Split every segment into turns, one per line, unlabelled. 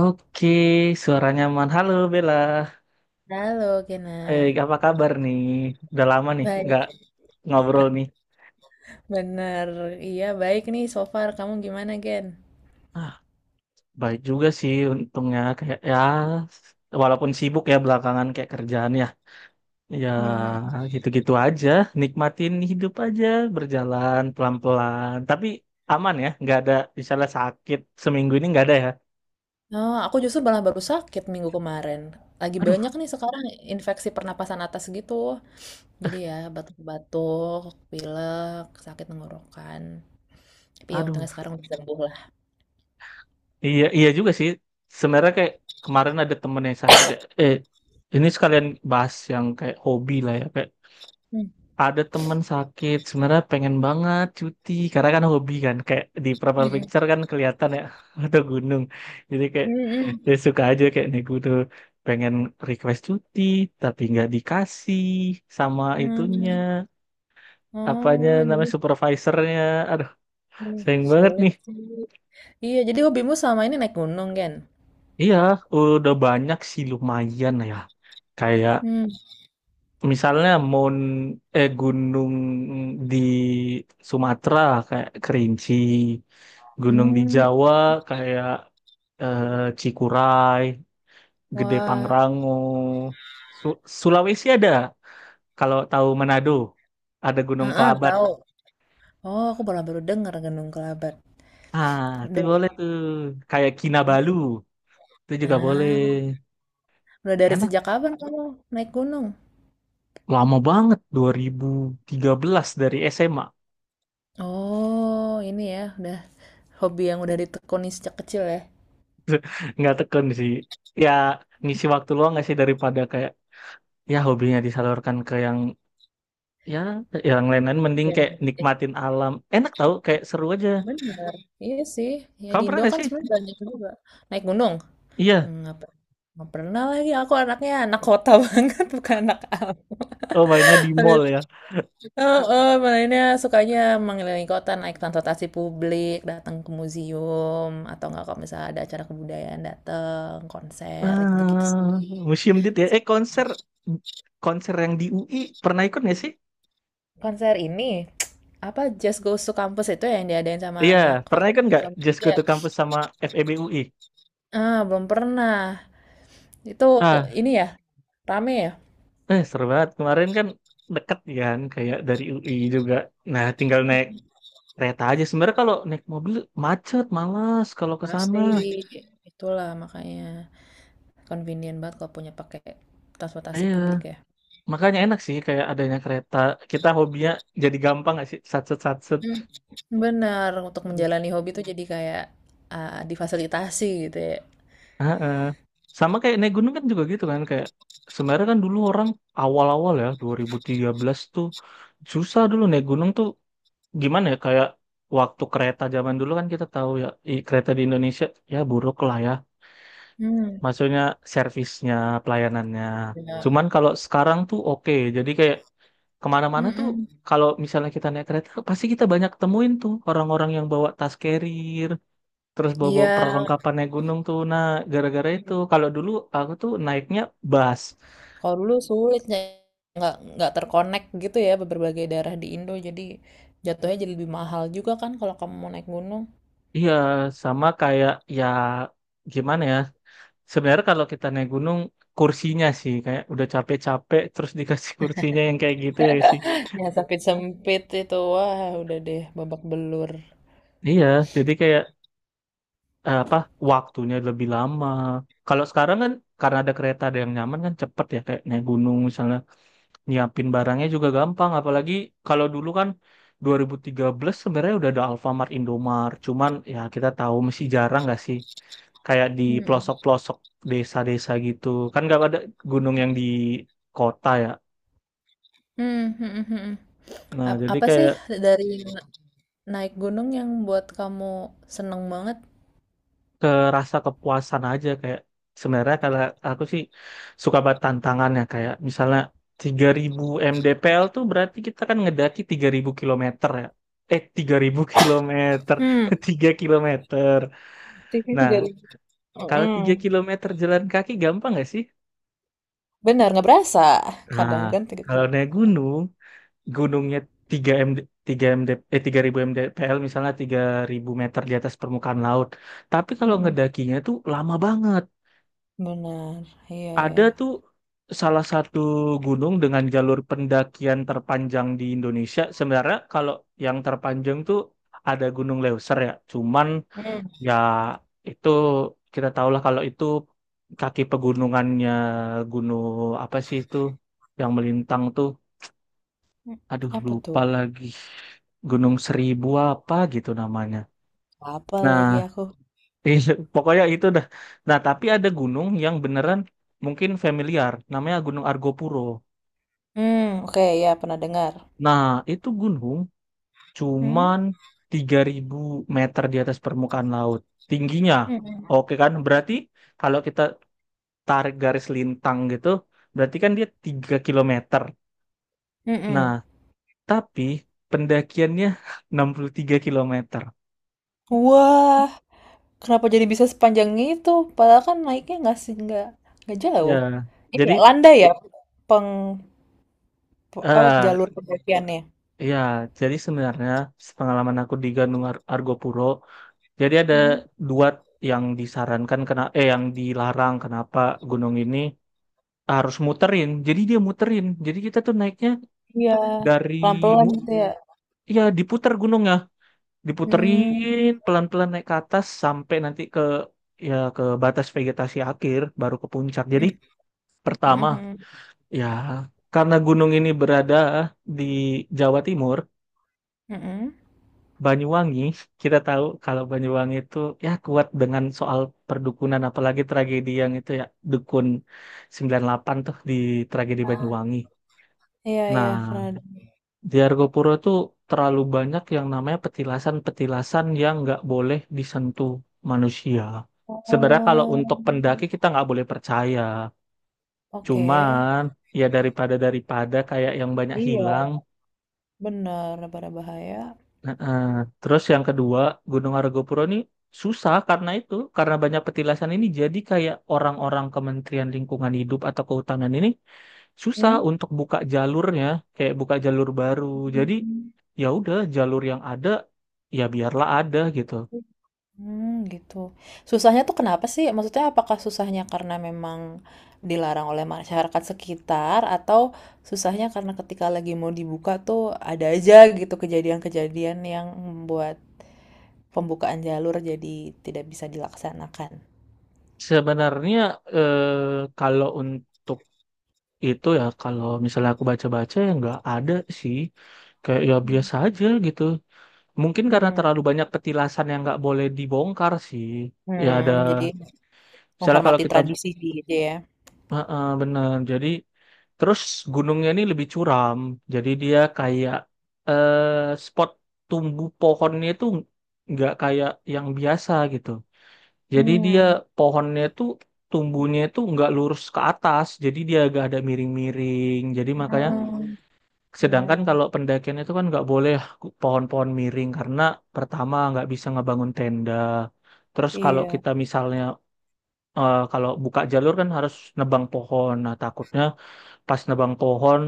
Oke, suara nyaman. Halo Bella.
Halo, Gena.
Apa kabar nih? Udah lama nih
Baik,
nggak ngobrol nih.
bener. Iya, baik nih so far. Kamu gimana, Gen?
Ah, baik juga sih untungnya kayak ya walaupun sibuk ya belakangan kayak kerjaan ya. Ya
Hmm.
gitu-gitu aja, nikmatin hidup aja, berjalan pelan-pelan. Tapi aman ya, nggak ada misalnya sakit seminggu ini nggak ada ya.
Oh, aku justru malah baru sakit minggu kemarin. Lagi
Aduh,
banyak nih sekarang infeksi pernapasan atas gitu. Jadi ya, batuk-batuk, pilek, sakit tenggorokan. Tapi ya
aduh.
untungnya sekarang udah sembuh lah.
Iya, iya juga sih. Sebenarnya kayak kemarin ada temen yang sakit ya. Eh, ini sekalian bahas yang kayak hobi lah ya. Kayak
Hmm.
ada temen sakit, sebenarnya pengen banget cuti. Karena kan hobi kan. Kayak di profile
Mm-mm.
picture kan kelihatan ya ada gunung. Jadi kayak ya
Mm-mm.
suka aja kayak nih gue tuh pengen request cuti, tapi nggak dikasih sama
Mm.
itunya. Apanya
Oh, jadi
namanya supervisornya. Aduh,
hmm,
sayang banget
sulit
nih.
sih. Iya, jadi hobimu selama ini naik gunung, Gen?
Iya, udah banyak sih lumayan ya. Kayak
Hmm.
misalnya mon eh gunung di Sumatera kayak Kerinci, gunung di
Hmm.
Jawa kayak eh, Cikuray, Gede
Wah,
Pangrango. Sulawesi ada, kalau tahu Manado, ada Gunung
heeh,
Kelabat.
tahu. Oh, aku malah baru dengar Gunung Kelabat.
Ah, itu
Udah,
boleh tuh. Kayak Kinabalu, itu juga boleh.
ah, udah dari
Enak,
sejak kapan kamu naik gunung?
lama banget 2013 dari SMA.
Oh, ini ya, udah hobi yang udah ditekuni sejak kecil ya.
Nggak tekun sih. Ya ngisi waktu luang nggak sih daripada kayak ya hobinya disalurkan ke yang ya yang lain-lain mending
Ya,
kayak
eh,
nikmatin alam enak tau kayak seru aja.
benar. Iya sih. Ya
Kamu
di
pernah
Indo
gak
kan
sih?
sebenarnya banyak juga naik gunung.
Iya,
Hmm, nggak pernah lagi. Aku anaknya anak kota banget, bukan anak alam.
oh mainnya di mall ya.
Oh, oh, Malaysia sukanya mengelilingi kota, naik transportasi publik, datang ke museum, atau enggak kalau misalnya ada acara kebudayaan datang, konser, gitu-gitu sih.
Ah, museum ya konser konser yang di UI pernah ikut gak sih?
Konser ini, apa Just Goes to Campus itu yang diadain sama
Iya,
anak
pernah ikut
fakultas
nggak
Islam
Just
juga?
Go to Campus sama FEB UI?
Ah, belum pernah. Itu
ah
ini ya, rame ya?
Seru banget kemarin kan, deket kan kayak dari UI juga. Nah, tinggal naik kereta aja sebenarnya. Kalau naik mobil macet, malas kalau ke sana.
Pasti. Itulah makanya convenient banget kalau pakai transportasi
Iya,
publik ya.
makanya enak sih kayak adanya kereta. Kita hobinya jadi gampang nggak sih? Satset satset.
Benar untuk menjalani hobi itu jadi kayak, difasilitasi gitu ya.
Heeh. Sama kayak naik gunung kan juga gitu kan kayak sebenarnya kan dulu orang awal-awal ya 2013 tuh susah dulu naik gunung tuh. Gimana ya kayak waktu kereta zaman dulu kan kita tahu ya kereta di Indonesia ya buruk lah ya.
Hmm,
Maksudnya servisnya, pelayanannya.
bener,
Cuman kalau sekarang tuh oke. Jadi kayak kemana-mana tuh
mhm,
kalau misalnya kita naik kereta pasti kita banyak temuin tuh orang-orang yang bawa tas carrier terus bawa
iya,
perlengkapan naik gunung tuh. Nah, gara-gara itu kalau dulu aku tuh naiknya bus.
kalau dulu sulitnya nggak gitu ya berbagai daerah di Indo, jadi jatuhnya jadi lebih mahal juga kan kalau kamu mau naik gunung.
Iya, sama kayak ya gimana ya sebenarnya kalau kita naik gunung kursinya sih kayak udah capek-capek terus dikasih kursinya yang kayak gitu ya sih.
Ya sempit-sempit itu, wah udah deh babak belur.
Iya, jadi kayak apa waktunya lebih lama. Kalau sekarang kan karena ada kereta ada yang nyaman kan cepet ya kayak naik gunung misalnya nyiapin barangnya juga gampang. Apalagi kalau dulu kan 2013 sebenarnya udah ada Alfamart Indomart cuman ya kita tahu masih jarang nggak sih kayak di
Mm-mm.
pelosok-pelosok desa-desa gitu kan nggak ada gunung yang di kota ya.
Hmm, hmm, mhm, mhm.
Nah, jadi
Apa sih
kayak
dari na naik gunung yang buat kamu seneng banget?
kerasa kepuasan aja kayak sebenarnya kalau aku sih suka banget tantangannya kayak misalnya 3000 mdpl tuh berarti kita kan ngedaki 3000 kilometer ya 3000 kilometer
Hmm,
3 kilometer.
aktivitas
Nah,
dari
kalau
mhm.
3 kilometer jalan kaki gampang nggak sih?
Benar nggak berasa.
Nah,
Kadang kan 3
kalau naik
kilometer.
gunung, gunungnya 3 MD, 3 MD, eh 3000 l misalnya 3000 meter di atas permukaan laut. Tapi kalau
Mm-mm.
ngedakinya tuh lama banget.
Benar, iya
Ada
ya.
tuh salah satu gunung dengan jalur pendakian terpanjang di Indonesia. Sebenarnya kalau yang terpanjang tuh ada Gunung Leuser ya. Cuman
Hmm.
ya, itu kita tahulah kalau itu kaki pegunungannya gunung apa sih itu yang melintang tuh.
Hmm.
Aduh,
Apa tuh?
lupa lagi. Gunung Seribu apa gitu namanya.
Apa lagi
Nah,
aku?
pokoknya itu dah. Nah, tapi ada gunung yang beneran mungkin familiar. Namanya Gunung Argopuro.
Hmm, oke ya pernah dengar.
Nah, itu gunung
Hmm.
cuman 3000 meter di atas permukaan laut tingginya.
Mm-mm.
Oke kan? Berarti kalau kita tarik garis lintang gitu, berarti kan dia 3 kilometer. Nah,
Mm-mm.
tapi pendakiannya 63 kilometer.
Wah, kenapa jadi bisa sepanjang itu? Padahal kan naiknya nggak sih nggak jauh.
Ya,
Ini
jadi
ya landai ya peng apa
eh
jalur pendakiannya.
ya, jadi sebenarnya pengalaman aku di Gunung Argopuro, jadi ada
Hmm.
dua yang disarankan kena yang dilarang kenapa gunung ini harus muterin. Jadi dia muterin. Jadi kita tuh naiknya
Iya,
dari
pelan-pelan
mu-
gitu ya.
ya diputar gunungnya,
Hmm.
diputerin pelan-pelan naik ke atas sampai nanti ke batas vegetasi akhir baru ke puncak. Jadi pertama
Mm-mm.
ya karena gunung ini berada di Jawa Timur,
Mm-mm.
Banyuwangi. Kita tahu kalau Banyuwangi itu ya kuat dengan soal perdukunan apalagi tragedi yang itu ya dukun 98 tuh, di tragedi Banyuwangi.
Iya, iya,
Nah,
pernah.
di Argopuro tuh terlalu banyak yang namanya petilasan-petilasan yang nggak boleh disentuh manusia. Sebenarnya kalau
Oh,
untuk pendaki kita nggak boleh percaya.
oke.
Cuman ya daripada daripada kayak yang banyak
Iya,
hilang.
bener, berbahaya.
Nah, terus yang kedua Gunung Argopuro ini susah karena itu karena banyak petilasan ini jadi kayak orang-orang Kementerian Lingkungan Hidup atau Kehutanan ini susah
Hmm?
untuk buka jalurnya kayak buka jalur baru. Jadi ya udah jalur yang ada ya biarlah ada gitu.
Hmm, gitu. Susahnya tuh kenapa sih? Maksudnya apakah susahnya karena memang dilarang oleh masyarakat sekitar atau susahnya karena ketika lagi mau dibuka tuh ada aja gitu kejadian-kejadian yang membuat pembukaan jalur jadi tidak bisa dilaksanakan.
Sebenarnya kalau untuk itu ya kalau misalnya aku baca-baca ya nggak ada sih kayak ya
Hmm.
biasa aja gitu. Mungkin karena
Hmm,
terlalu banyak petilasan yang nggak boleh dibongkar sih. Ya ada,
hmm, jadi
misalnya kalau
menghormati
kita
tradisi gitu ya.
bener, jadi terus gunungnya ini lebih curam, jadi dia kayak eh, spot tumbuh pohonnya itu nggak kayak yang biasa gitu. Jadi dia
Hmm.
pohonnya itu tumbuhnya itu nggak lurus ke atas, jadi dia agak ada miring-miring. Jadi makanya
Hmm,
sedangkan
kebayang.
kalau pendakian itu kan nggak boleh pohon-pohon miring karena pertama nggak bisa ngebangun tenda. Terus kalau
Iya,
kita misalnya kalau buka jalur kan harus nebang pohon. Nah, takutnya pas nebang pohon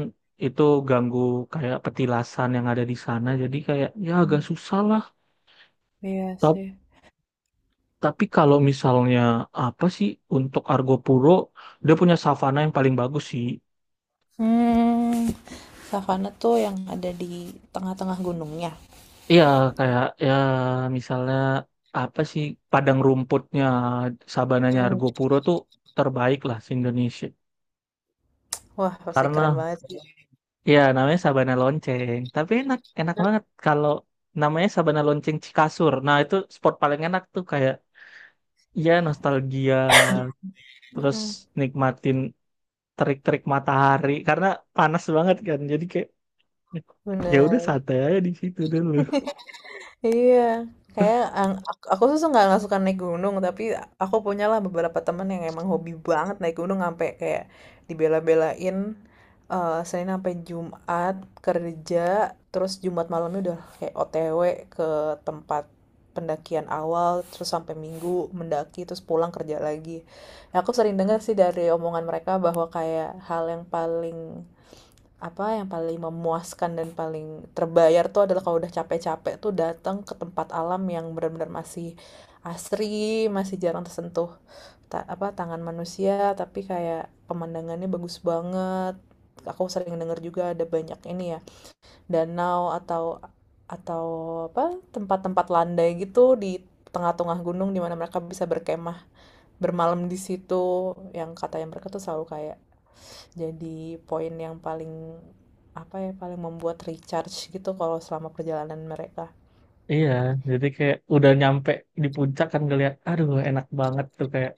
itu ganggu kayak petilasan yang ada di sana. Jadi kayak ya
mmm,
agak susah lah.
iya
Ta-
sih.
Tapi kalau misalnya apa sih untuk Argo Puro, dia punya savana yang paling bagus sih.
Mmm, savana tuh yang ada di tengah-tengah gunungnya?
Iya, kayak ya misalnya apa sih padang rumputnya sabananya
Mmm.
Argopuro tuh terbaik lah se Indonesia.
Wah, pasti
Karena
keren banget sih. Betul.
ya namanya sabana lonceng, tapi enak enak banget kalau namanya sabana lonceng Cikasur. Nah, itu spot paling enak tuh kayak ya nostalgia terus
Mhm,
nikmatin terik-terik matahari karena panas banget kan. Jadi kayak ya udah
bener.
santai aja di situ dulu.
Iya, kayak aku tuh nggak suka naik gunung, tapi aku punyalah beberapa teman yang emang hobi banget naik gunung sampai kayak dibela-belain, Senin sampai Jumat kerja, terus Jumat malamnya udah kayak OTW ke tempat pendakian awal, terus sampai Minggu mendaki, terus pulang kerja lagi. Ya, aku sering dengar sih dari omongan mereka bahwa kayak hal yang paling apa yang paling memuaskan dan paling terbayar tuh adalah kalau udah capek-capek tuh datang ke tempat alam yang benar-benar masih asri, masih jarang tersentuh apa tangan manusia, tapi kayak pemandangannya bagus banget. Aku sering dengar juga ada banyak ini ya, danau atau apa tempat-tempat landai gitu di tengah-tengah gunung di mana mereka bisa berkemah, bermalam di situ yang kata yang mereka tuh selalu kayak jadi poin yang paling apa ya paling membuat recharge gitu kalau selama perjalanan mereka.
Iya, jadi kayak udah nyampe di puncak kan ngeliat, aduh enak banget tuh kayak,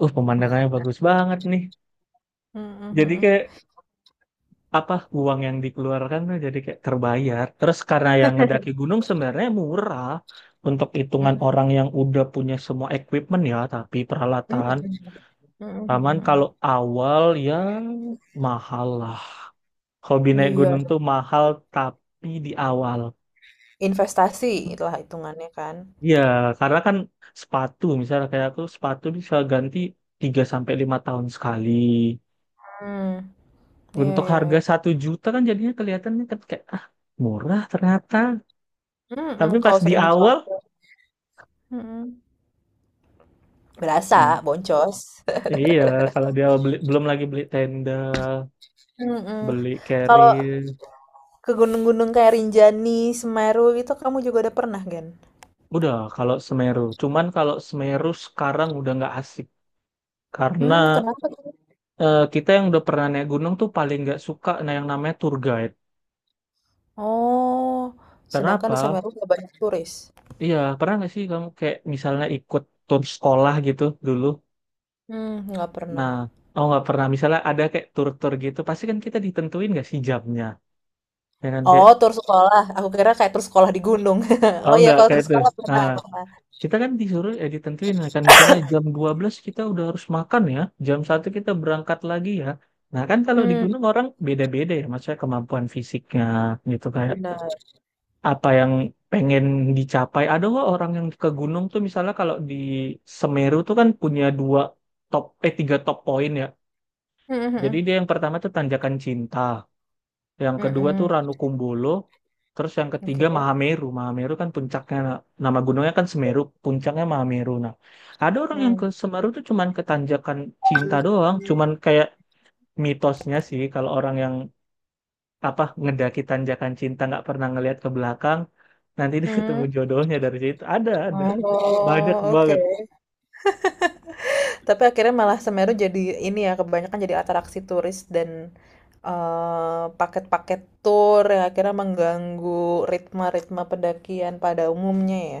pemandangannya bagus banget nih.
Mhm,
Jadi
mhm.
kayak apa uang yang dikeluarkan tuh jadi kayak terbayar. Terus karena yang ngedaki gunung sebenarnya murah untuk hitungan
Mhm.
orang yang udah punya semua equipment ya, tapi
Mhm,
peralatan.
mhm, mhm,
Taman kalau
mhm.
awal ya mahal lah. Hobi naik
Iya,
gunung tuh mahal tapi di awal.
investasi itulah hitungannya kan.
Iya, karena kan sepatu misalnya kayak aku sepatu bisa ganti 3 sampai 5 tahun sekali.
Mmm, iya,
Untuk
iya,
harga
iya.
1 juta kan jadinya kelihatannya kan kayak ah, murah ternyata.
Mhm,
Tapi
kalau
pas di
sering
awal.
dipakai. Mhm. Berasa
Nah,
boncos.
iya, kalau dia beli, belum lagi beli tenda,
Mhm.
beli
Kalau
carrier.
ke gunung-gunung kayak Rinjani, Semeru gitu kamu juga udah pernah, Gen?
Udah kalau Semeru. Cuman kalau Semeru sekarang udah nggak asik karena
Mmm, kenapa tuh?
kita yang udah pernah naik gunung tuh paling nggak suka nah yang namanya tour guide.
Oh, sedangkan di
Kenapa?
Semeru nggak banyak turis.
Iya, pernah nggak sih kamu kayak misalnya ikut tur sekolah gitu dulu?
Mmm, nggak pernah.
Nah, oh nggak pernah. Misalnya ada kayak tur-tur gitu, pasti kan kita ditentuin nggak sih jamnya? Ya kan kayak,
Oh, tur sekolah. Aku kira kayak tur sekolah di gunung. Oh
oh
iya,
nggak
kalau
kayak
tur
itu.
sekolah pernah,
Nah,
pernah.
kita kan disuruh ya ditentuin ya kan misalnya jam 12 kita udah harus makan ya, jam 1 kita berangkat lagi ya. Nah kan kalau di
Hmm.
gunung orang beda-beda ya, maksudnya kemampuan fisiknya gitu kayak
Benar.
apa yang pengen dicapai. Ada kok orang yang ke gunung tuh misalnya kalau di Semeru tuh kan punya dua top, tiga top poin ya.
Mhm,
Jadi
mhm.
dia yang pertama tuh Tanjakan Cinta, yang kedua tuh
Mhm.
Ranukumbolo, terus yang ketiga
Oke.
Mahameru. Mahameru kan puncaknya, nah, nama gunungnya kan Semeru, puncaknya Mahameru. Nah, ada orang yang ke
Hmm.
Semeru tuh cuman ke Tanjakan Cinta doang, cuman kayak mitosnya sih kalau orang yang apa ngedaki tanjakan cinta nggak pernah ngelihat ke belakang nanti dia ketemu
Hmm.
jodohnya dari situ. Ada banyak
Oh, oke.
banget.
Tapi akhirnya malah Semeru jadi ini ya, kebanyakan jadi atraksi turis dan, paket-paket tur yang akhirnya mengganggu ritme-ritme pendakian pada umumnya ya.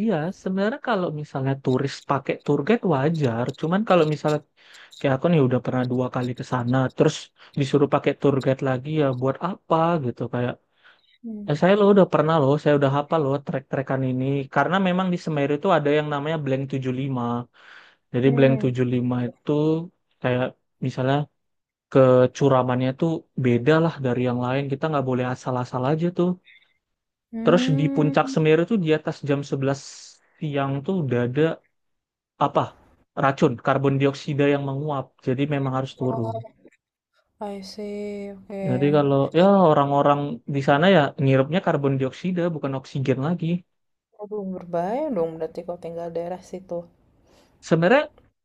Iya, sebenarnya kalau misalnya turis pakai tour guide wajar. Cuman kalau misalnya kayak aku nih udah pernah dua kali ke sana terus disuruh pakai tour guide lagi ya buat apa gitu kayak
Hmm.
saya lo udah pernah loh, saya udah hafal loh trek-trekan ini karena memang di Semeru itu ada yang namanya Blank 75. Jadi Blank
Hmm.
75 itu kayak misalnya kecuramannya tuh beda lah dari yang lain. Kita nggak boleh asal-asal aja tuh. Terus di
Hmm.
puncak Semeru tuh di atas jam 11 siang tuh udah ada apa? Racun, karbon dioksida yang menguap. Jadi memang harus turun.
I see.
Jadi
Oke.
kalau ya orang-orang di sana ya ngirupnya karbon dioksida bukan oksigen lagi.
Aduh, berbahaya dong berarti kalau tinggal daerah situ.
Sebenarnya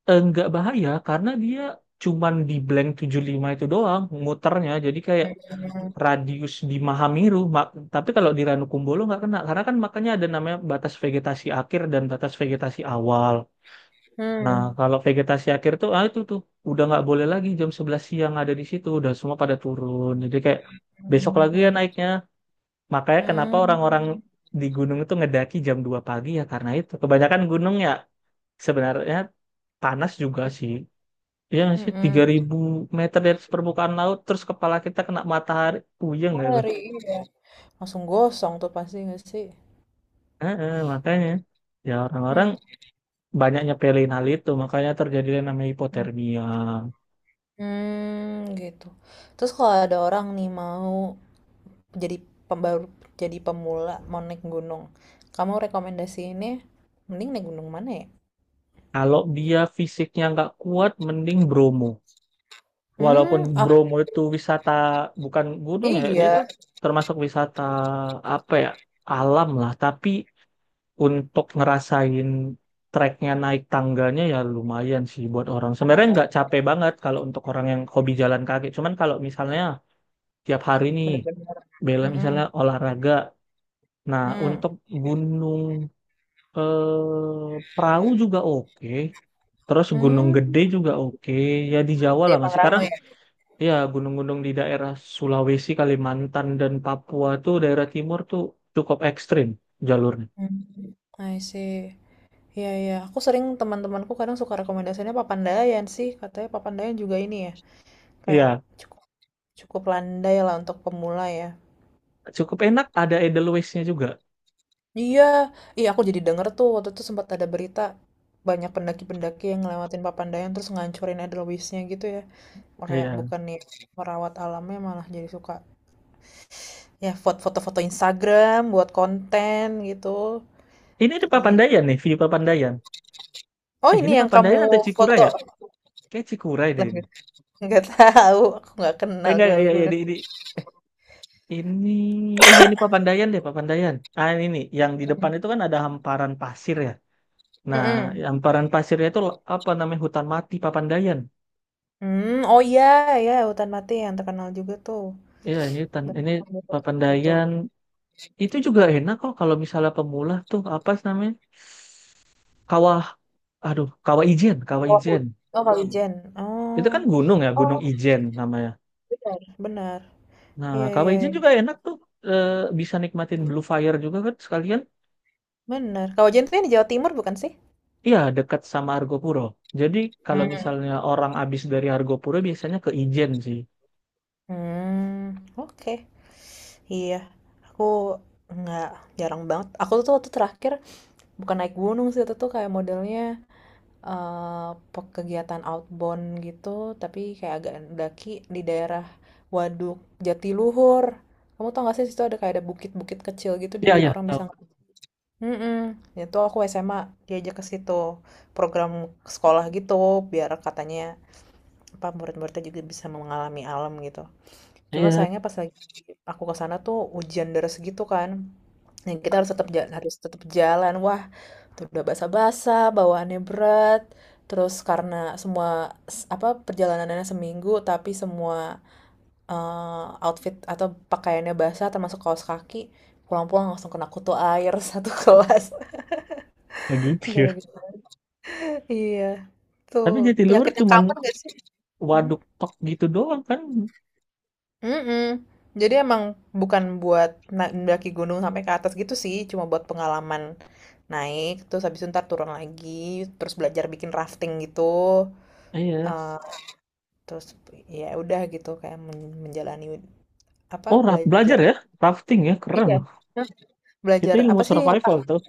nggak bahaya karena dia cuman di blank 75 itu doang muternya. Jadi kayak
Mhm,
radius di Mahameru, tapi kalau di Ranukumbolo nggak kena, karena kan makanya ada namanya batas vegetasi akhir dan batas vegetasi awal. Nah,
hmm,
kalau vegetasi akhir tuh, ah itu tuh udah nggak boleh lagi jam 11 siang ada di situ, udah semua pada turun. Jadi kayak besok lagi ya
mhm,
naiknya. Makanya kenapa orang-orang
hmm,
di gunung itu ngedaki jam 2 pagi ya karena itu. Kebanyakan gunung ya sebenarnya panas juga sih. Iya nggak sih? Tiga
mhm.
ribu meter di atas permukaan laut, terus kepala kita kena matahari, puyeng ya.
Ngeri, iya. Langsung gosong tuh pasti nggak sih?
Heeh, makanya ya orang-orang
Hmm,
banyaknya pilihin hal itu, makanya terjadi yang namanya hipotermia.
hmm, gitu. Terus kalau ada orang nih mau jadi pembaru jadi pemula mau naik gunung, kamu rekomendasi ini mending naik gunung mana ya?
Kalau dia fisiknya nggak kuat mending Bromo, walaupun
Hmm, ah,
Bromo itu wisata bukan gunung ya, dia tuh
iya,
termasuk wisata apa ya, alam lah. Tapi untuk ngerasain treknya, naik tangganya ya lumayan sih buat orang, sebenarnya
oh,
nggak capek banget kalau untuk orang yang hobi jalan kaki. Cuman kalau misalnya tiap hari nih
bener, bener.
bela misalnya
Mhm,
olahraga. Nah,
mmm,
untuk Gunung Perahu juga oke. Terus Gunung
mmm,
Gede juga oke. Ya di Jawa
di
lah masih.
Pangrango
Sekarang
ya?
ya gunung-gunung di daerah Sulawesi, Kalimantan, dan Papua tuh, daerah timur tuh cukup ekstrim jalurnya.
Mmm, I see. Iya, iya, aku sering teman-temanku kadang suka rekomendasinya Papandayan sih, katanya Papandayan juga ini ya, kayak
Iya,
cukup cukup landai lah untuk pemula ya.
cukup enak. Ada Edelweissnya juga.
Iya, iya aku jadi denger tuh waktu itu sempat ada berita banyak pendaki-pendaki yang ngelewatin Papandayan terus ngancurin Edelweissnya gitu ya. Makanya
Iya.
bukan nih merawat alamnya malah jadi suka ya foto-foto Instagram buat konten gitu.
Ini di
Jadi
Papandayan nih, view Papandayan.
Oh
Eh,
ini
ini
yang kamu
Papandayan atau Cikura
foto?
ya? Kayak Cikura deh
Lah,
ini.
nggak tahu, aku nggak
Eh,
kenal
enggak, ya, ya, ya,
gunung-gunung.
ini, ya ini Papandayan deh, Papandayan. Ah ini nih, yang di depan itu kan ada hamparan pasir ya. Nah,
Mm-mm.
hamparan pasirnya itu apa namanya, hutan mati Papandayan.
Mmm, oh iya, iya, hutan mati yang terkenal juga tuh.
Iya ini hutan,
Banyak
ini
yang foto-foto di situ.
Papandayan. Itu juga enak kok kalau misalnya pemula tuh, apa sih namanya? Kawah, aduh, Kawah Ijen, Kawah
Oh,
Ijen.
oh Kawijen,
Itu
oh.
kan gunung ya, Gunung
Oh,
Ijen namanya.
bener, bener.
Nah,
Iya,
Kawah
iya,
Ijen
iya,
juga enak tuh. Eh, Bisa nikmatin Blue Fire juga kan sekalian.
bener. Kawijen tuh yang di Jawa Timur bukan sih?
Iya, dekat sama Argopuro. Jadi kalau
Mhm,
misalnya orang abis dari Argopuro biasanya ke Ijen sih.
mmm, oke. Iya, aku nggak jarang banget aku tuh waktu terakhir bukan naik gunung sih, itu tuh kayak modelnya Eee, pe kegiatan outbound gitu, tapi kayak agak daki di daerah Waduk Jatiluhur. Kamu tau gak sih situ ada kayak ada bukit-bukit kecil gitu di
Iya,
mana
iya.
orang
Tahu?
bisa mhm, itu aku SMA diajak ke situ, program sekolah gitu biar katanya, murid-muridnya juga bisa mengalami alam gitu. Cuma
Iya.
sayangnya pas lagi aku ke sana tuh hujan deras gitu kan. Nah, kita harus tetap jalan, harus tetap jalan. Wah, tuh udah basah-basah, bawaannya berat. Terus karena semua apa perjalanannya seminggu, tapi semua, outfit atau pakaiannya basah, termasuk kaos kaki, pulang-pulang langsung kena kutu air satu kelas.
Kayak gitu
Gara-gara
ya.
gitu. Iya, tuh
Tapi Jatiluhur
penyakit yang
cuman
common gak sih? Hmm?
waduk tok gitu doang kan.
Mm-mm. Jadi emang bukan buat mendaki gunung sampai ke atas gitu sih, cuma buat pengalaman naik, terus habis itu ntar turun lagi, terus belajar bikin rafting gitu.
Iya.
Eh, Terus ya udah gitu kayak menjalani apa
Oh, raft belajar
belajar.
ya, rafting ya, keren.
Iya. Hah,
Itu
belajar
ilmu
apa sih yang
survival
pak-
tuh.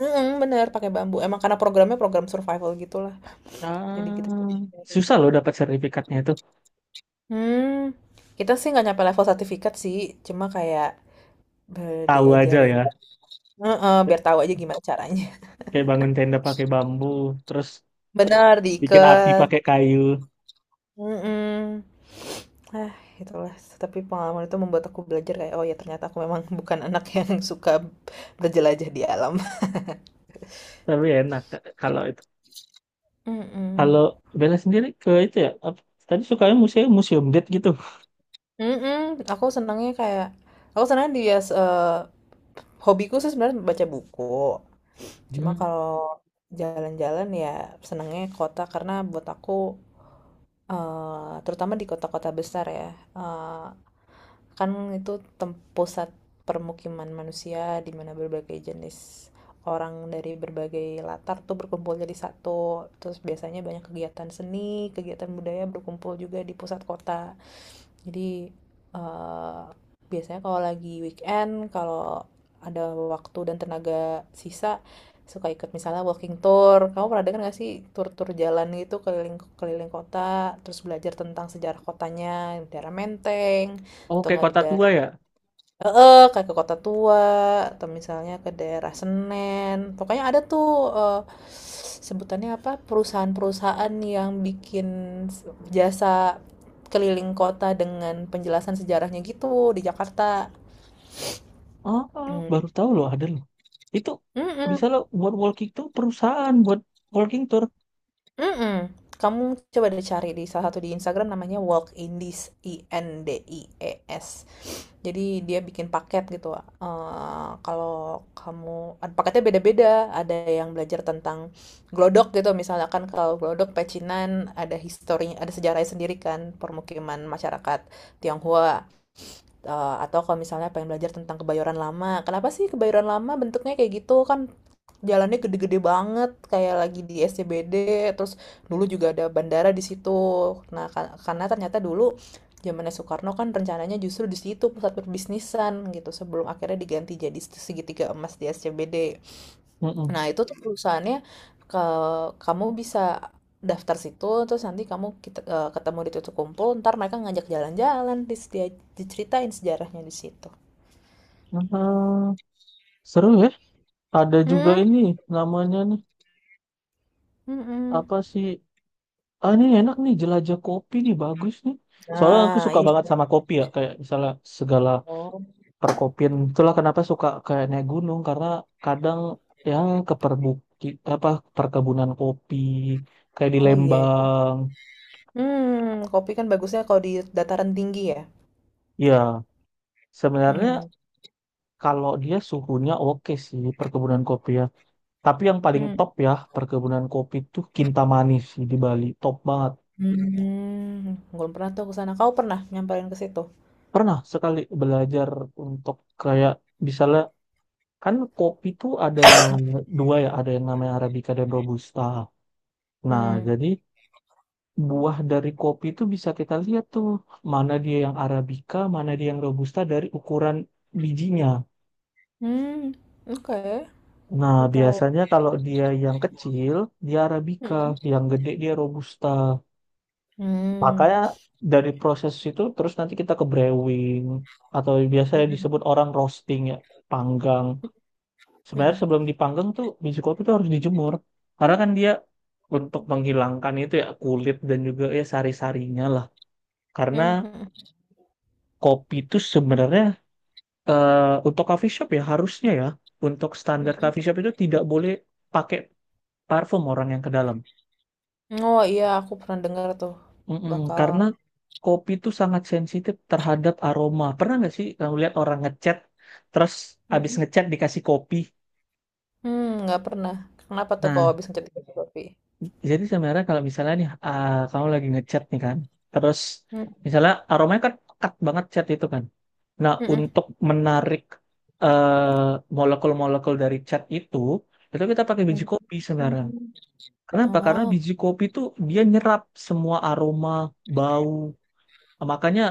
Mm-mm, bener pakai bambu. Emang karena program survival gitulah. Jadi kita.
Ah, susah loh dapat sertifikatnya itu.
Hmm, kita sih nggak nyampe level sertifikat sih, cuma kayak,
Tahu aja
diajarin.
ya.
Heeh, biar tahu aja gimana caranya.
Kayak bangun tenda pakai bambu, terus
Benar
bikin api
diikat.
pakai kayu.
Mhm. Ah, itulah, tapi pengalaman itu membuat aku belajar kayak, "Oh ya ternyata aku memang bukan anak yang suka berjelajah di alam."
Tapi enak kalau,
Mhm.
kalau Bella sendiri ke itu ya, apa, tadi sukanya museum museum date gitu.
Mhm, aku senangnya kayak aku senang di hobiku sih sebenarnya baca buku. Cuma
Hmm.
kalau jalan-jalan ya senangnya kota karena buat aku, terutama di kota-kota besar ya, eh, kan itu pusat permukiman manusia di mana berbagai jenis orang dari berbagai latar tuh berkumpul jadi satu. Terus biasanya banyak kegiatan seni, kegiatan budaya berkumpul juga di pusat kota. Jadi, eh, biasanya kalau lagi weekend, kalau ada waktu dan tenaga sisa, suka ikut misalnya walking tour. Kamu pernah dengar nggak sih tur-tur jalan gitu keliling keliling kota, terus belajar tentang sejarah kotanya, di daerah Menteng,
Oh,
atau
kayak
nggak di
kota tua
daerah.
ya.
Heeh, kayak ke Kota Tua atau misalnya ke daerah Senen. Pokoknya ada tuh, eee, sebutannya apa? Perusahaan-perusahaan yang bikin s jasa keliling kota dengan penjelasan sejarahnya gitu di Jakarta.
Oh, oh, baru tahu loh ada loh. Itu bisa
Mhm.
loh buat walking tour, perusahaan buat walking tour.
Mm-mm. Kamu coba deh cari di salah satu di Instagram namanya Walk Indies I N D I E S. Jadi dia bikin paket gitu. Kalau kamu ada paketnya beda-beda, ada yang belajar tentang glodok gitu. Misalkan kalau glodok pecinan ada historinya, ada sejarahnya sendiri kan permukiman masyarakat Tionghoa. Atau kalau misalnya pengen belajar tentang kebayoran lama, kenapa sih kebayoran lama bentuknya kayak gitu kan jalannya gede-gede banget kayak lagi di SCBD, terus dulu juga ada bandara di situ. Nah, karena ternyata dulu zamannya Soekarno kan rencananya justru di situ pusat perbisnisan gitu sebelum akhirnya diganti jadi segitiga emas di SCBD.
Mm-mm.
Nah, itu tuh perusahaannya ke kamu bisa daftar situ terus nanti kita, ketemu di titik kumpul, ntar mereka ngajak jalan-jalan, dia diceritain sejarahnya di situ.
Ah, seru ya. Ada juga
Hmm,
ini namanya nih,
mm-mm.
apa sih? Ah ini enak nih, jelajah kopi nih, bagus nih. Soalnya aku
Nah,
suka banget
itu.
sama kopi ya, kayak misalnya segala
Oh,
perkopian, itulah kenapa suka kayak naik gunung, karena kadang yang ke perbuki apa, perkebunan kopi kayak di
oh iya, iya.
Lembang.
Hmm, kopi kan bagusnya kalau di dataran tinggi ya.
Ya
Hmm.
sebenarnya kalau dia suhunya oke sih perkebunan kopi ya, tapi yang paling
Hmm.
top ya perkebunan kopi tuh Kintamani sih, di Bali top banget.
Hmm. Belum pernah tuh ke sana. Kau pernah nyamperin ke situ?
Pernah sekali belajar untuk kayak misalnya, kan kopi tuh ada dua ya, ada yang namanya Arabica dan Robusta. Nah
Hmm.
jadi buah dari kopi itu bisa kita lihat tuh, mana dia yang Arabica, mana dia yang Robusta, dari ukuran bijinya.
Hmm. Oke,
Nah,
aku tahu.
biasanya kalau dia yang kecil, dia Arabica,
Hmm.
yang gede dia Robusta. Makanya
Hmm.
dari proses itu terus nanti kita ke brewing atau biasanya
Hmm.
disebut orang roasting ya, panggang. Sebenarnya
Hmm.
sebelum dipanggang tuh biji kopi itu harus dijemur. Karena kan dia untuk menghilangkan itu ya, kulit dan juga ya sari-sarinya lah. Karena
Hmm.
kopi itu sebenarnya eh untuk coffee shop ya harusnya ya, untuk standar
Mhm.
coffee shop itu tidak boleh pakai parfum orang yang ke dalam.
Oh iya, aku pernah dengar tuh.
Mm-mm,
Bakal
karena kopi itu sangat sensitif terhadap aroma. Pernah nggak sih kamu lihat orang ngecat terus abis
mhm.
ngecat dikasih kopi?
Hmm, nggak pernah. Kenapa tuh
Nah,
kalau habis ngecat kopi?
jadi sebenarnya kalau misalnya nih ah, kamu lagi ngecat nih kan, terus
Hmm.
misalnya aromanya kan pekat banget cat itu kan. Nah,
Mhm.
untuk menarik eh, molekul-molekul dari cat itu kita pakai biji
Hmm.
kopi sebenarnya. Kenapa? Karena
Oh.
biji kopi tuh dia nyerap semua aroma, bau. Makanya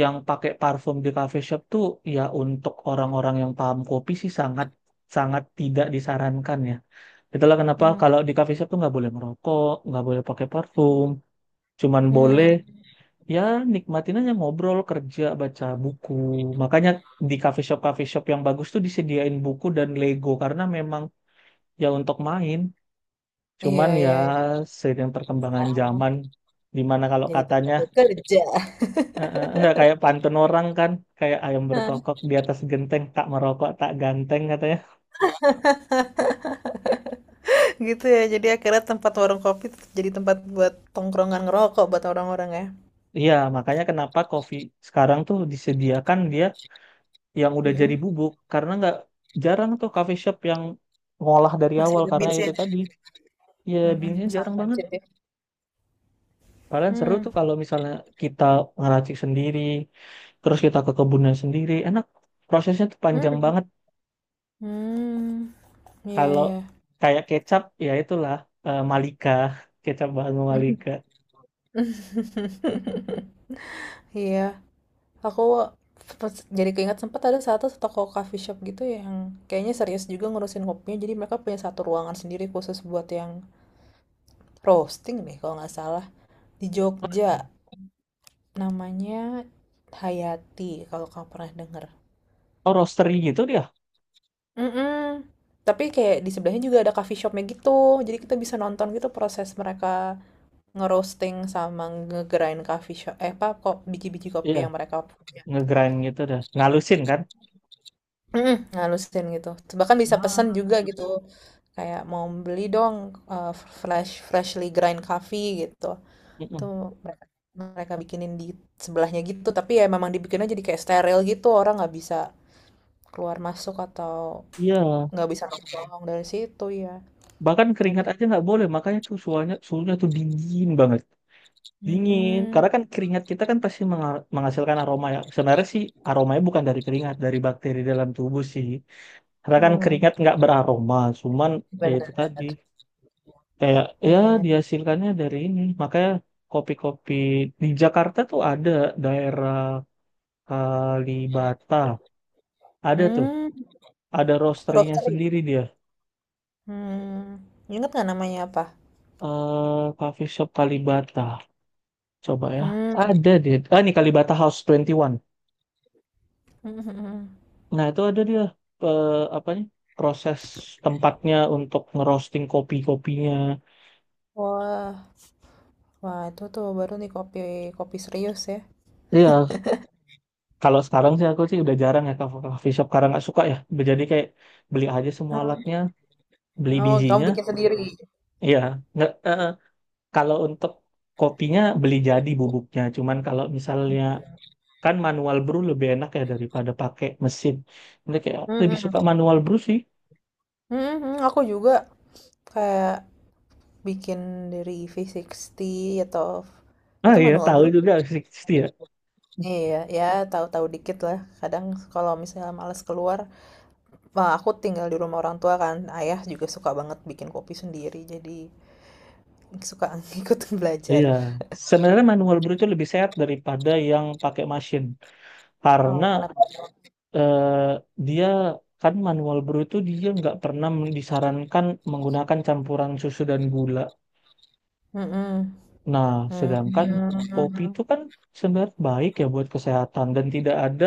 yang pakai parfum di cafe shop tuh, ya untuk orang-orang yang paham kopi sih sangat, sangat tidak disarankan ya. Itulah kenapa
Hmm.
kalau di cafe shop tuh nggak boleh merokok, nggak boleh pakai parfum, cuman boleh
Hmm.
ya nikmatin aja ngobrol, kerja, baca buku. Makanya di cafe shop yang bagus tuh disediain buku dan Lego, karena memang ya untuk main.
Iya,
Cuman ya
iya, iya.
seiring perkembangan zaman, dimana kalau
Jadi tempat
katanya
buat kerja.
enggak, kayak pantun orang kan, kayak ayam berkokok di atas genteng, tak merokok tak ganteng katanya.
Gitu ya. Jadi akhirnya tempat warung kopi tetap jadi tempat buat tongkrongan ngerokok buat orang-orang ya.
Iya, makanya kenapa kopi sekarang tuh disediakan dia yang udah jadi
Mhm.
bubuk, karena nggak jarang tuh coffee shop yang ngolah dari
Masih
awal,
ada
karena
bins ya.
itu tadi ya
Mhm.
beansnya
Sangat
jarang banget.
sensitif.
Kalian seru
Hmm.
tuh kalau misalnya kita ngeracik sendiri, terus kita ke kebunnya sendiri, enak. Prosesnya tuh panjang
Hmm.
banget.
Hmm. Iya,
Kalau
iya.
kayak kecap, ya itulah, Malika, kecap bahan Malika.
Iya. Aku jadi keinget sempat ada satu toko coffee shop gitu yang kayaknya serius juga ngurusin kopinya. Jadi mereka punya satu ruangan sendiri khusus buat yang roasting deh kalau nggak salah. Di Jogja namanya Hayati kalau kamu pernah denger.
Oh, roastery gitu dia.
Mm. Tapi kayak di sebelahnya juga ada coffee shopnya gitu. Jadi kita bisa nonton gitu proses mereka ngerosting sama nge-grind coffee shop eh apa kok biji-biji kopi
Iya,
yang mereka.
ngegrind gitu dah. Ngalusin kan?
Mhm, ngalusin gitu. Bahkan bisa pesan
Ah,
juga gitu. Kayak mau beli dong, eh, freshly grind coffee gitu.
mm-mm.
Tuh mereka mereka bikinin di sebelahnya gitu. Tapi ya memang dibikinnya jadi kayak steril gitu. Orang nggak bisa keluar masuk atau
Iya,
nggak bisa nongkrong dari situ ya.
bahkan keringat
Tadi.
aja nggak boleh, makanya tuh suhunya suhunya tuh dingin banget, dingin.
Hmm,
Karena kan keringat kita kan pasti menga- menghasilkan aroma ya. Sebenarnya sih aromanya bukan dari keringat, dari bakteri dalam tubuh sih. Karena kan keringat
hmm,
nggak beraroma, cuman ya itu
benar.
tadi, kayak ya
Iya.
dihasilkannya dari ini. Makanya kopi-kopi di Jakarta tuh ada daerah Kalibata, ada tuh,
Hmm,
ada roasterynya
roastery.
sendiri dia.
Hmm, ingat nggak namanya apa?
Coffee shop Kalibata coba ya,
Hmm.
ada dia, ah ini Kalibata House 21, nah itu ada dia, eh, apanya, proses tempatnya untuk ngerosting kopi-kopinya.
Wah, wah, itu tuh baru nih kopi kopi serius ya.
Iya, kalau sekarang sih aku sih udah jarang ya ke coffee shop, karena nggak suka ya. Jadi kayak beli aja semua alatnya, beli
Oh, kamu
bijinya,
bikin sendiri.
iya, nggak, eh, kalau untuk kopinya beli jadi bubuknya. Cuman kalau misalnya, kan manual brew lebih enak ya daripada pakai mesin. Jadi kayak lebih
Mm-mm.
suka manual brew sih.
Mm-mm, aku juga kayak bikin dari V60 atau
Ah
itu
iya,
manual
tahu
brew.
juga sih pasti ya.
Iya, ya tahu-tahu dikit lah. Kadang kalau misalnya males keluar, wah aku tinggal di rumah orang tua kan. Ayah juga suka banget bikin kopi sendiri, jadi suka ikut
Iya,
belajar.
sebenarnya manual brew itu lebih sehat daripada yang pakai mesin, karena
Oh, kenapa?
eh, dia kan manual brew itu dia nggak pernah disarankan menggunakan campuran susu dan gula.
Mm-mm.
Nah, sedangkan kopi itu
Mm-mm.
kan sebenarnya baik ya buat kesehatan dan tidak ada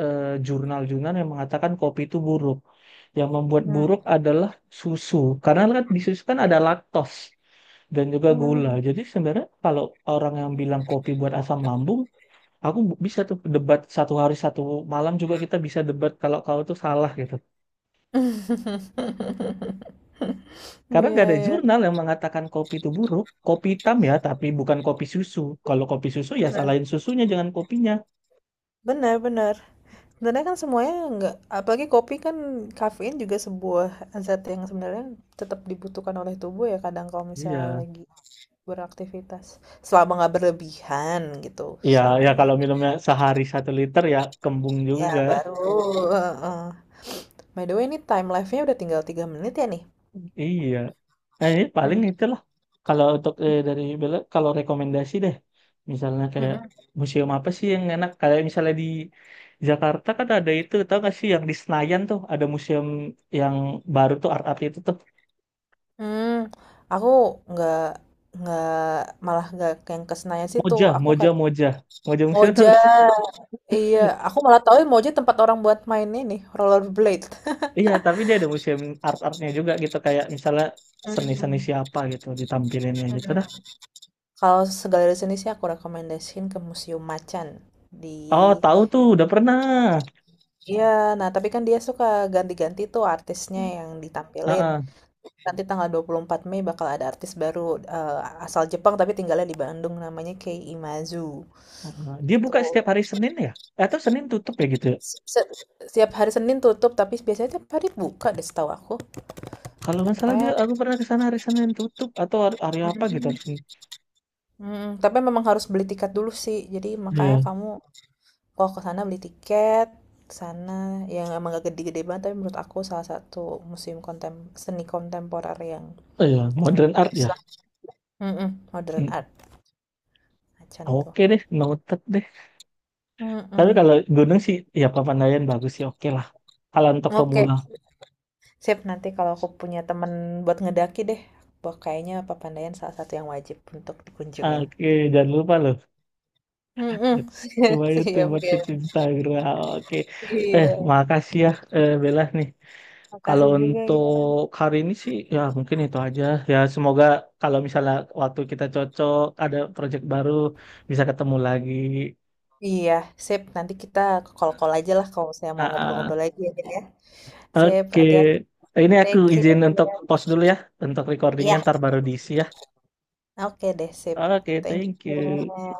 eh, jurnal-jurnal yang mengatakan kopi itu buruk. Yang membuat buruk adalah susu, karena kan di susu kan ada laktos dan juga gula.
Mm-mm.
Jadi sebenarnya kalau orang yang bilang kopi buat asam lambung, aku bisa tuh debat satu hari satu malam juga, kita bisa debat kalau kau tuh salah gitu. Karena nggak
Iya,
ada
iya.
jurnal yang mengatakan kopi itu buruk. Kopi hitam ya, tapi bukan kopi susu. Kalau kopi susu ya
Benar,
salahin susunya, jangan kopinya.
benar, benar. Sebenarnya kan semuanya nggak, apalagi kopi kan kafein juga sebuah zat yang sebenarnya tetap dibutuhkan oleh tubuh ya kadang kalau misalnya
Iya.
lagi beraktivitas. Selama nggak berlebihan gitu,
Iya,
selama
ya
ini.
kalau minumnya sehari 1 liter ya kembung
Ya,
juga.
baru. Heeh. By the way, ini time live-nya udah tinggal 3 menit ya nih.
Iya. Nah, ini paling
Hmm.
itulah. Kalau untuk dari Bella, kalau rekomendasi deh, misalnya kayak
Mm-mm.
museum apa sih yang enak? Kayak misalnya di Jakarta kan ada itu, tau gak sih yang di Senayan tuh ada museum yang baru tuh, art-art itu tuh.
Hmm. Aku nggak nggak malah nggak yang ke Senayan situ.
Moja,
Aku
Moja, Moja. Moja Museum tau
Moja.
gak sih?
Iya, aku malah tahu Moja tempat orang buat main ini, rollerblade.
Iya, tapi dia ada museum art-artnya juga gitu. Kayak misalnya seni-seni
Hmm.
siapa gitu ditampilinnya gitu
Hmm.
dah.
Kalau segala di sini sih aku rekomendasiin ke Museum Macan di.
Oh, tahu tuh, udah pernah.
Iya, nah tapi kan dia suka ganti-ganti tuh artisnya
Heeh,
yang ditampilin.
heeh.
Nanti tanggal 24 Mei bakal ada artis baru, eh, asal Jepang tapi tinggalnya di Bandung namanya Kei Imazu.
Dia buka setiap
Tuh
hari Senin ya? Atau Senin tutup ya gitu ya?
si- se- setiap hari Senin tutup tapi biasanya tiap hari buka deh setahu aku.
Kalau nggak salah dia,
Pokoknya
aku pernah ke sana hari Senin tutup atau hari, hari apa gitu harusnya.
mhm, tapi memang harus beli tiket dulu sih. Jadi makanya
Iya.
kamu kalau ke sana beli tiket, ke sana yang emang gak gede-gede banget tapi menurut aku salah satu museum seni kontemporer yang
Oh iya,
yang
modern art
bagus
ya.
lah. Mhm, modern
Hmm.
art Macan tuh.
Oke deh, noted deh. Tapi
Mhm.
kalau gunung sih, ya Papandayan bagus sih, oke lah. Kalau untuk
Oke,
pemula,
sip nanti kalau aku punya temen buat ngedaki deh. Wah, kayaknya Papandayan salah satu yang wajib untuk dikunjungin.
oke, jangan lupa loh.
Mhm.
Lumayan tuh
Siap,
buat
ya.
tips Instagram, oke.
Iya.
Eh, makasih ya, Bella nih. Kalau
Makasih juga ya.
untuk hari ini sih ya mungkin itu aja. Ya semoga kalau misalnya waktu kita cocok, ada project baru bisa ketemu lagi.
Iya, sip. Nanti kita call-call aja lah kalau saya mau
Ah,
ngobrol-ngobrol
ah.
lagi ya, Din, ya. Sip,
Oke.
hati-hati.
Ini aku
Take
izin
care.
untuk pause dulu ya untuk recordingnya,
Iya,
ntar baru diisi ya.
oke deh, sip.
Oke,
Thank
thank you.
you.